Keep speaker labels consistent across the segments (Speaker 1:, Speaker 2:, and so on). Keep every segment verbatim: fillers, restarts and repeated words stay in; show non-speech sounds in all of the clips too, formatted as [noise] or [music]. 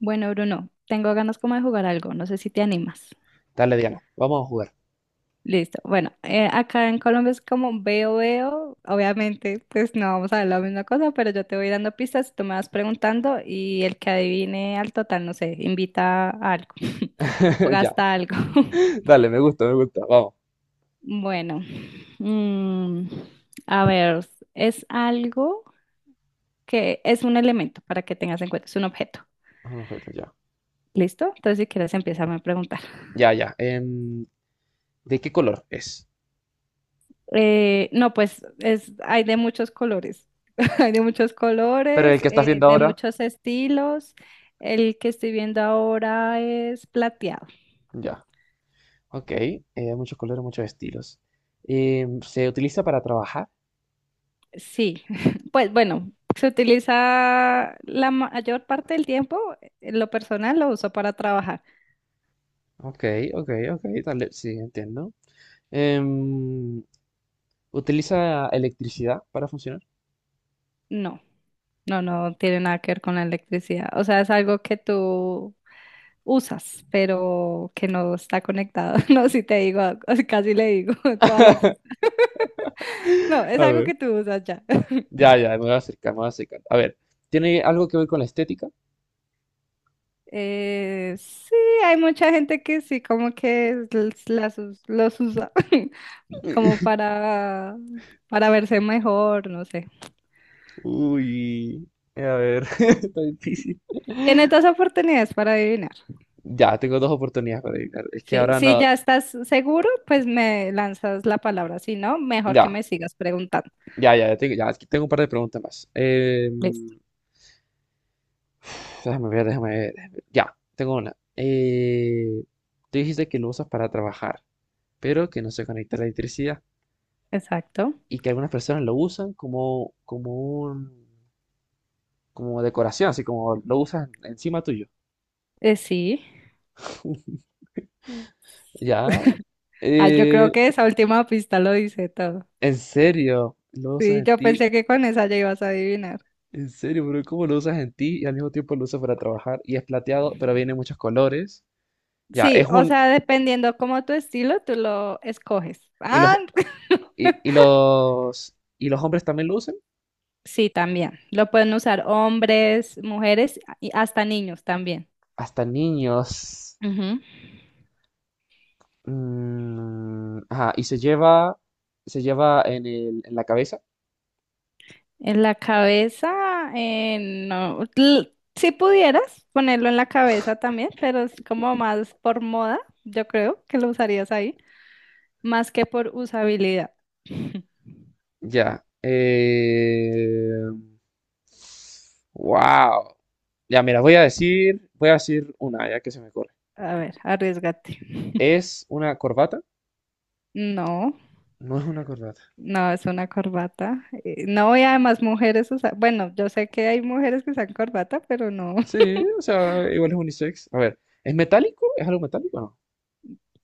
Speaker 1: Bueno, Bruno, tengo ganas como de jugar algo, no sé si te animas.
Speaker 2: Dale, Diana, vamos a jugar.
Speaker 1: Listo. Bueno, eh, acá en Colombia es como veo, veo. Obviamente, pues no vamos a ver la misma cosa, pero yo te voy dando pistas, tú me vas preguntando y el que adivine al total, no sé, invita a algo [laughs] o
Speaker 2: [laughs] Ya,
Speaker 1: gasta algo. [laughs]
Speaker 2: dale, me gusta, me gusta, vamos.
Speaker 1: Bueno, mm, a ver, es algo que es un elemento para que tengas en cuenta, es un objeto.
Speaker 2: Ah, objeto, ya.
Speaker 1: ¿Listo? Entonces, si quieres, empieza a preguntar.
Speaker 2: Ya, ya. Em, ¿de qué color es?
Speaker 1: Eh, no, pues es, hay de muchos colores, [laughs] hay de muchos
Speaker 2: Pero
Speaker 1: colores,
Speaker 2: el que estás
Speaker 1: eh,
Speaker 2: viendo
Speaker 1: de
Speaker 2: ahora,
Speaker 1: muchos estilos. El que estoy viendo ahora es plateado.
Speaker 2: ya. Ok, eh, hay muchos colores, muchos estilos. Em, ¿se utiliza para trabajar?
Speaker 1: Sí, [laughs] pues bueno, se utiliza la mayor parte del tiempo, en lo personal lo uso para trabajar.
Speaker 2: Ok, ok, ok, dale, sí, entiendo. Em, ¿Utiliza electricidad para funcionar?
Speaker 1: No, no, no tiene nada que ver con la electricidad. O sea, es algo que tú usas, pero que no está conectado. [laughs] No, si te digo, [laughs] casi le digo [laughs] toda la
Speaker 2: [laughs]
Speaker 1: pista. No, es
Speaker 2: A
Speaker 1: algo
Speaker 2: ver.
Speaker 1: que tú usas ya.
Speaker 2: Ya, ya, me voy a acercar, me voy a acercar. A ver, ¿tiene algo que ver con la estética?
Speaker 1: Eh, sí, hay mucha gente que sí, como que los, las us- los usa [laughs] como
Speaker 2: [laughs]
Speaker 1: para, para verse mejor, no sé.
Speaker 2: Uy, a ver, [laughs] está difícil.
Speaker 1: Tienes dos oportunidades para adivinar.
Speaker 2: Ya, tengo dos oportunidades para adivinar. Es que
Speaker 1: Sí,
Speaker 2: ahora
Speaker 1: si
Speaker 2: no.
Speaker 1: ya estás seguro, pues me lanzas la palabra. Si no, mejor que
Speaker 2: Ya,
Speaker 1: me sigas preguntando.
Speaker 2: ya, ya, ya tengo, ya, aquí tengo un par de preguntas más. Eh,
Speaker 1: Listo.
Speaker 2: déjame ver, déjame ver, déjame ver. Ya, tengo una. Eh, tú dijiste que lo usas para trabajar, pero que no se conecta a la electricidad,
Speaker 1: Exacto.
Speaker 2: y que algunas personas lo usan como, como un, como decoración, así como lo usan encima tuyo.
Speaker 1: Eh, sí.
Speaker 2: [laughs] Ya,
Speaker 1: Ah, yo creo
Speaker 2: eh,
Speaker 1: que esa última pista lo dice todo.
Speaker 2: en serio, lo usas
Speaker 1: Sí,
Speaker 2: en
Speaker 1: yo
Speaker 2: ti.
Speaker 1: pensé que con esa ya ibas a adivinar.
Speaker 2: En serio, pero ¿cómo lo usas en ti y al mismo tiempo lo usas para trabajar? Y es plateado, pero viene en muchos colores. Ya,
Speaker 1: Sí,
Speaker 2: es
Speaker 1: o
Speaker 2: un...
Speaker 1: sea, dependiendo como tu estilo, tú lo escoges.
Speaker 2: Y los,
Speaker 1: Ah, [laughs]
Speaker 2: y, y los, y los hombres también lo usan.
Speaker 1: Sí, también. Lo pueden usar hombres, mujeres y hasta niños también.
Speaker 2: Hasta niños.
Speaker 1: Ujú.
Speaker 2: Mm, ajá, y se lleva, se lleva en el, en la cabeza.
Speaker 1: En la cabeza, eh, no. L- Si pudieras ponerlo en la cabeza también, pero es como más por moda, yo creo que lo usarías ahí, más que por usabilidad. [laughs]
Speaker 2: Ya. Eh, wow. Ya, mira, voy a decir, voy a decir una, ya que se me corre.
Speaker 1: A ver, arriesgate. [laughs]
Speaker 2: Es una corbata.
Speaker 1: No,
Speaker 2: No es una corbata.
Speaker 1: no es una corbata. Eh, No, y además mujeres usan, bueno, yo sé que hay mujeres que usan corbata, pero no.
Speaker 2: Sí,
Speaker 1: [laughs]
Speaker 2: o sea, igual es unisex. A ver, ¿es metálico? ¿Es algo metálico o no?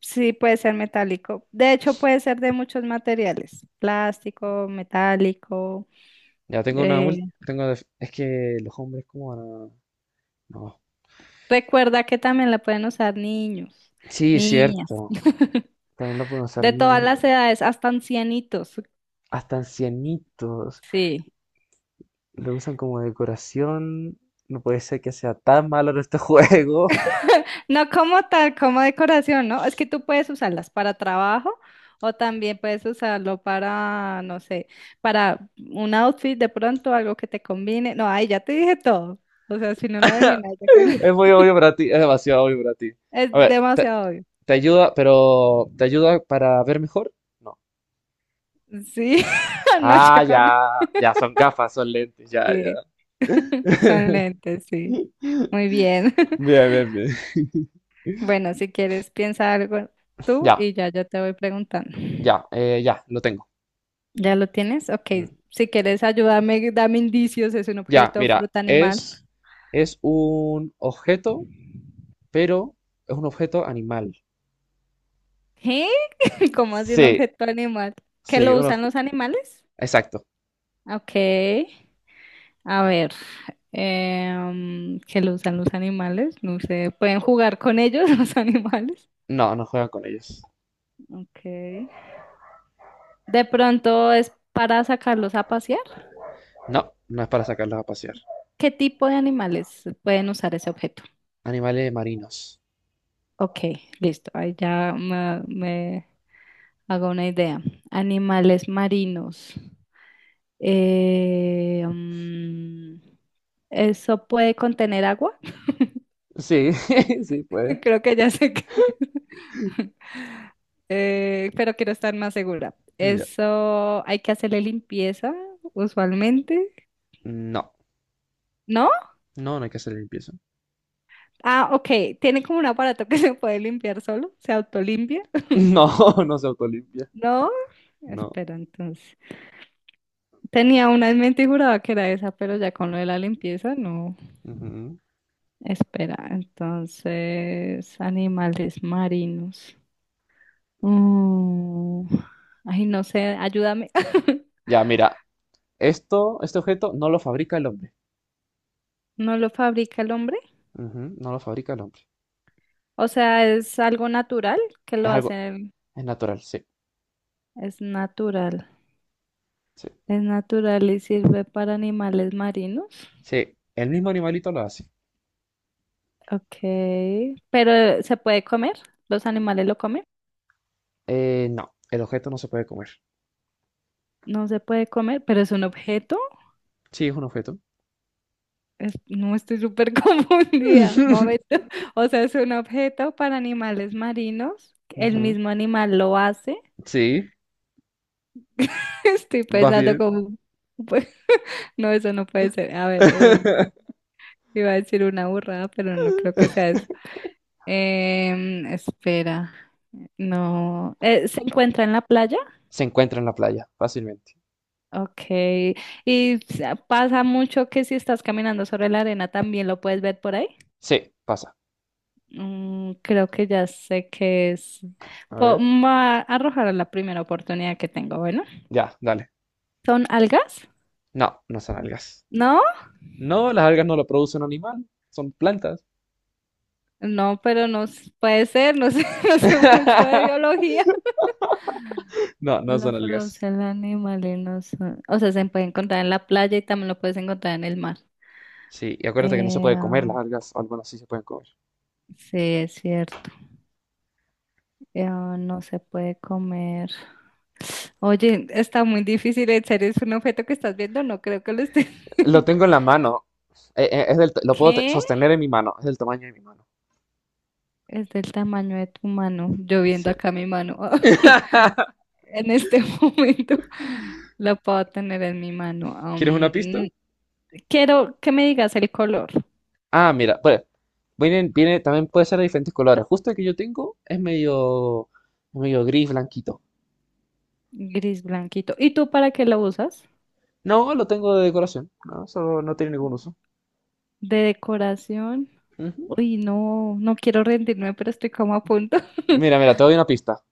Speaker 1: Sí, puede ser metálico. De hecho, puede ser de muchos materiales, plástico, metálico.
Speaker 2: Ya tengo una
Speaker 1: eh,
Speaker 2: mul- tengo def- es que los hombres como van a- No.
Speaker 1: recuerda que también la pueden usar niños,
Speaker 2: Sí, es
Speaker 1: niñas,
Speaker 2: cierto.
Speaker 1: [laughs]
Speaker 2: También lo pueden usar
Speaker 1: de
Speaker 2: niños
Speaker 1: todas
Speaker 2: y
Speaker 1: las edades, hasta ancianitos.
Speaker 2: hasta ancianitos.
Speaker 1: Sí.
Speaker 2: Lo usan como decoración. No puede ser que sea tan malo en este juego.
Speaker 1: No como tal, como decoración, ¿no? Es que tú puedes usarlas para trabajo o también puedes usarlo para, no sé, para un outfit de pronto, algo que te combine. No, ahí ya te dije todo. O sea, si no lo
Speaker 2: [laughs]
Speaker 1: adivinas, ya que-
Speaker 2: Es
Speaker 1: [laughs]
Speaker 2: muy obvio para ti, es demasiado obvio para ti.
Speaker 1: es
Speaker 2: A ver, te,
Speaker 1: demasiado obvio.
Speaker 2: te ayuda, pero ¿te ayuda para ver mejor? No.
Speaker 1: Sí, [laughs] no
Speaker 2: Ah, ya,
Speaker 1: chacones.
Speaker 2: ya, son gafas, son lentes, ya, ya.
Speaker 1: Sí, [laughs] son
Speaker 2: [laughs]
Speaker 1: lentes, sí. Muy bien. [laughs]
Speaker 2: Bien, bien, bien. [laughs]
Speaker 1: Bueno, si quieres, piensa algo tú
Speaker 2: Ya,
Speaker 1: y ya yo te voy preguntando.
Speaker 2: ya, eh, ya, lo tengo.
Speaker 1: ¿Ya lo tienes? Ok.
Speaker 2: Mm.
Speaker 1: Si quieres, ayúdame, dame indicios. ¿Es un
Speaker 2: Ya,
Speaker 1: objeto,
Speaker 2: mira,
Speaker 1: fruta,
Speaker 2: es,
Speaker 1: animal?
Speaker 2: es un objeto, pero es un objeto animal.
Speaker 1: ¿Qué? [laughs] ¿Cómo así un
Speaker 2: Sí,
Speaker 1: objeto animal? ¿Que
Speaker 2: sí,
Speaker 1: lo
Speaker 2: un
Speaker 1: usan
Speaker 2: obje-
Speaker 1: los animales?
Speaker 2: exacto.
Speaker 1: Ok. A ver. em, ¿que lo usan los animales? No sé. ¿Pueden jugar con ellos [laughs] los animales?
Speaker 2: No, no juegan con ellos.
Speaker 1: Ok. De pronto es para sacarlos a pasear.
Speaker 2: No, no es para sacarlos a pasear.
Speaker 1: ¿Qué tipo de animales pueden usar ese objeto?
Speaker 2: Animales marinos.
Speaker 1: Ok, listo. Ahí ya me, me hago una idea. Animales marinos. Eh, mm, ¿eso puede contener agua?
Speaker 2: Sí, [laughs] sí, puede.
Speaker 1: [laughs] Creo que ya sé que... [laughs] Eh, pero quiero estar más segura.
Speaker 2: Ya.
Speaker 1: Eso hay que hacerle limpieza usualmente.
Speaker 2: No,
Speaker 1: ¿No?
Speaker 2: no, no hay que hacer limpieza.
Speaker 1: Ah, ok. Tiene como un aparato que [laughs] se puede limpiar solo, se autolimpia. [laughs]
Speaker 2: No, [laughs] no se autolimpia.
Speaker 1: No,
Speaker 2: No.
Speaker 1: espera, entonces. Tenía una en mente y juraba que era esa, pero ya con lo de la limpieza, no.
Speaker 2: Ujú.
Speaker 1: Espera, entonces, animales marinos. Mm, Ay, no sé, ayúdame. [laughs]
Speaker 2: Ya, mira, esto, este objeto no lo fabrica el hombre.
Speaker 1: ¿No lo fabrica el hombre?
Speaker 2: Ujú, no lo fabrica el hombre.
Speaker 1: O sea, es algo natural que lo
Speaker 2: Es algo,
Speaker 1: hacen.
Speaker 2: es natural, sí,
Speaker 1: Es natural.
Speaker 2: sí.
Speaker 1: Es natural y sirve para animales marinos.
Speaker 2: Sí, el mismo animalito lo hace.
Speaker 1: Ok. Pero ¿se puede comer? ¿Los animales lo comen?
Speaker 2: Eh, no, el objeto no se puede comer.
Speaker 1: No se puede comer, pero es un objeto.
Speaker 2: Sí, es un objeto.
Speaker 1: Es- no estoy súper [laughs] confundida. Momento.
Speaker 2: [laughs]
Speaker 1: O sea, es un objeto para animales marinos. El
Speaker 2: Ujú,
Speaker 1: mismo animal lo hace.
Speaker 2: sí,
Speaker 1: [laughs] Estoy
Speaker 2: vas
Speaker 1: pensando
Speaker 2: bien.
Speaker 1: como... pues, No, eso no puede ser. A ver, eh,
Speaker 2: [laughs]
Speaker 1: iba a decir una burrada, pero no creo que sea eso. Em, espera. No. Eh, ¿se encuentra en la playa?
Speaker 2: Se encuentra en la playa, fácilmente.
Speaker 1: Okay, y sa- pasa mucho que si estás caminando sobre la arena también lo puedes ver por ahí.
Speaker 2: Sí, pasa.
Speaker 1: Mm, creo que ya sé qué es.
Speaker 2: A
Speaker 1: Po-
Speaker 2: ver.
Speaker 1: me Voy a arrojar a la primera oportunidad que tengo. Bueno,
Speaker 2: Ya, dale.
Speaker 1: ¿son algas?
Speaker 2: No, no son algas.
Speaker 1: ¿No?
Speaker 2: No, las algas no lo produce un animal, son plantas.
Speaker 1: No, pero no s- puede ser, no sé, [laughs] no sé mucho de
Speaker 2: [laughs]
Speaker 1: biología.
Speaker 2: No, no
Speaker 1: Lo
Speaker 2: son algas.
Speaker 1: produce el animal y no son- O sea, se puede encontrar en la playa y también lo puedes encontrar en el mar.
Speaker 2: Sí, y acuérdate que no se
Speaker 1: Eh,
Speaker 2: puede comer
Speaker 1: ah,
Speaker 2: las algas, o algunas sí se pueden comer.
Speaker 1: sí, es cierto. Eh, ah, no se puede comer. Oye, está muy difícil, ¿en serio es un objeto que estás viendo? No creo que lo estés [laughs]
Speaker 2: Lo
Speaker 1: viendo.
Speaker 2: tengo en la mano. Eh, eh, es del, t- lo puedo te-
Speaker 1: ¿Qué?
Speaker 2: sostener en mi mano, es del tamaño de mi mano.
Speaker 1: Es del tamaño de tu mano. Yo viendo
Speaker 2: Sí.
Speaker 1: acá mi mano.
Speaker 2: [laughs]
Speaker 1: [laughs] En este [laughs] momento la puedo tener en mi mano.
Speaker 2: ¿Quieres una
Speaker 1: Am,
Speaker 2: pista?
Speaker 1: quiero que me digas el color.
Speaker 2: Ah, mira, pues, viene, viene, también puede ser de diferentes colores. Justo el que yo tengo es medio, medio gris, blanquito.
Speaker 1: Gris blanquito. ¿Y tú para qué lo usas?
Speaker 2: No, lo tengo de decoración. No, solo no tiene ningún uso.
Speaker 1: ¿De decoración?
Speaker 2: Ujú.
Speaker 1: Uy, no, no quiero rendirme, pero estoy como a punto. [laughs]
Speaker 2: Mira, mira, te doy una pista.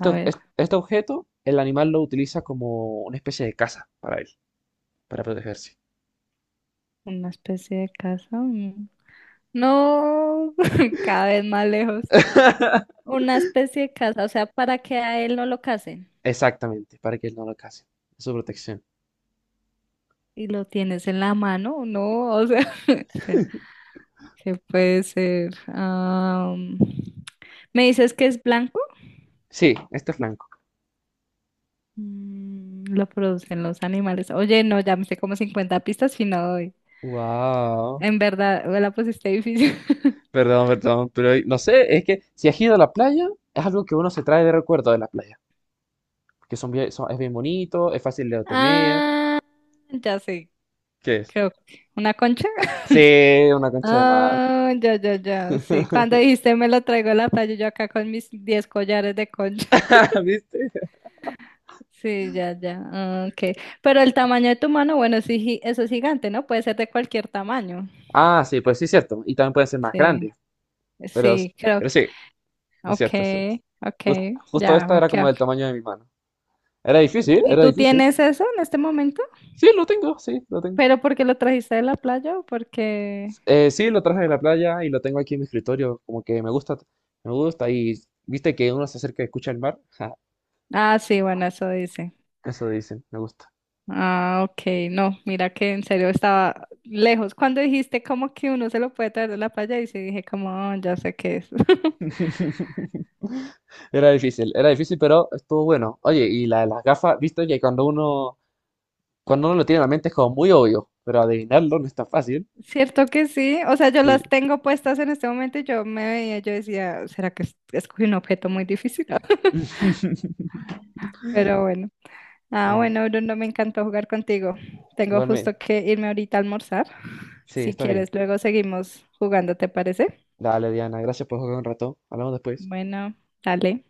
Speaker 1: A
Speaker 2: es-
Speaker 1: ver,
Speaker 2: este objeto, el animal lo utiliza como una especie de casa para él, para protegerse.
Speaker 1: una especie de casa. mm. No, [laughs] cada vez más lejos.
Speaker 2: [laughs]
Speaker 1: Una especie de casa, o sea, para que a él no lo casen.
Speaker 2: Exactamente, para que él no lo case. Es su protección.
Speaker 1: Y lo tienes en la mano, no, o sea, [laughs] espera, ¿qué puede ser? Am, ¿me dices que es blanco?
Speaker 2: Sí, este es blanco.
Speaker 1: Mm, lo producen los animales. Oye, no, ya me sé como cincuenta pistas y no doy.
Speaker 2: Wow.
Speaker 1: En verdad, me la pusiste difícil. [laughs]
Speaker 2: Perdón, perdón, pero no sé, es que si has ido a la playa, es algo que uno se trae de recuerdo de la playa, que son bien- son- es bien bonito, es fácil de obtener.
Speaker 1: Ah, ya sé,
Speaker 2: ¿Qué es?
Speaker 1: creo que una concha. [laughs]
Speaker 2: Sí, una concha de mar.
Speaker 1: Ah, ya, ya, ya, sí. Cuando
Speaker 2: [laughs]
Speaker 1: dijiste me lo traigo a la playa, yo acá con mis diez collares de concha.
Speaker 2: ¿Viste?
Speaker 1: Sí, ya, ya. ah, Ok. Pero el tamaño de tu mano, bueno, sí, gi- eso es gigante, ¿no? Puede ser de cualquier tamaño.
Speaker 2: Ah, sí, pues sí, es cierto. Y también pueden ser más
Speaker 1: Sí,
Speaker 2: grandes, pero,
Speaker 1: sí, creo.
Speaker 2: pero sí, es
Speaker 1: Ok,
Speaker 2: cierto, es cierto.
Speaker 1: ok,
Speaker 2: Jus- justo
Speaker 1: ya
Speaker 2: esta
Speaker 1: me
Speaker 2: era como
Speaker 1: quedo.
Speaker 2: del tamaño de mi mano. Era difícil,
Speaker 1: ¿Y
Speaker 2: era
Speaker 1: tú
Speaker 2: difícil.
Speaker 1: tienes eso en este momento?
Speaker 2: Sí, lo tengo, sí, lo tengo.
Speaker 1: ¿Pero porque lo trajiste de la playa o porque...?
Speaker 2: Eh, sí, lo traje de la playa y lo tengo aquí en mi escritorio, como que me gusta, me gusta. Y viste que uno se acerca y escucha el mar. [laughs]
Speaker 1: Ah, sí, bueno, eso dice.
Speaker 2: Eso dicen, me gusta.
Speaker 1: Ah, ok, no, mira que en serio estaba lejos. Cuando dijiste como que uno se lo puede traer de la playa, y sí dije como, "Ah, ya sé qué es." [laughs]
Speaker 2: [laughs] Era difícil, era difícil, pero estuvo bueno. Oye, y la, las gafas, viste que cuando uno, cuando uno lo tiene en la mente es como muy obvio, pero adivinarlo no es tan fácil.
Speaker 1: Cierto que sí, o sea, yo
Speaker 2: Sí.
Speaker 1: las tengo puestas en este momento y yo me veía, yo decía, ¿será que es- escogí un objeto muy difícil? [laughs]
Speaker 2: [laughs]
Speaker 1: Pero bueno. Ah,
Speaker 2: Bueno,
Speaker 1: bueno, Bruno, me encantó jugar contigo. Tengo
Speaker 2: igualmente.
Speaker 1: justo que irme ahorita a almorzar.
Speaker 2: Sí,
Speaker 1: Si
Speaker 2: está bien.
Speaker 1: quieres, luego seguimos jugando, ¿te parece?
Speaker 2: Dale, Diana, gracias por jugar un rato. Hablamos después.
Speaker 1: Bueno, dale.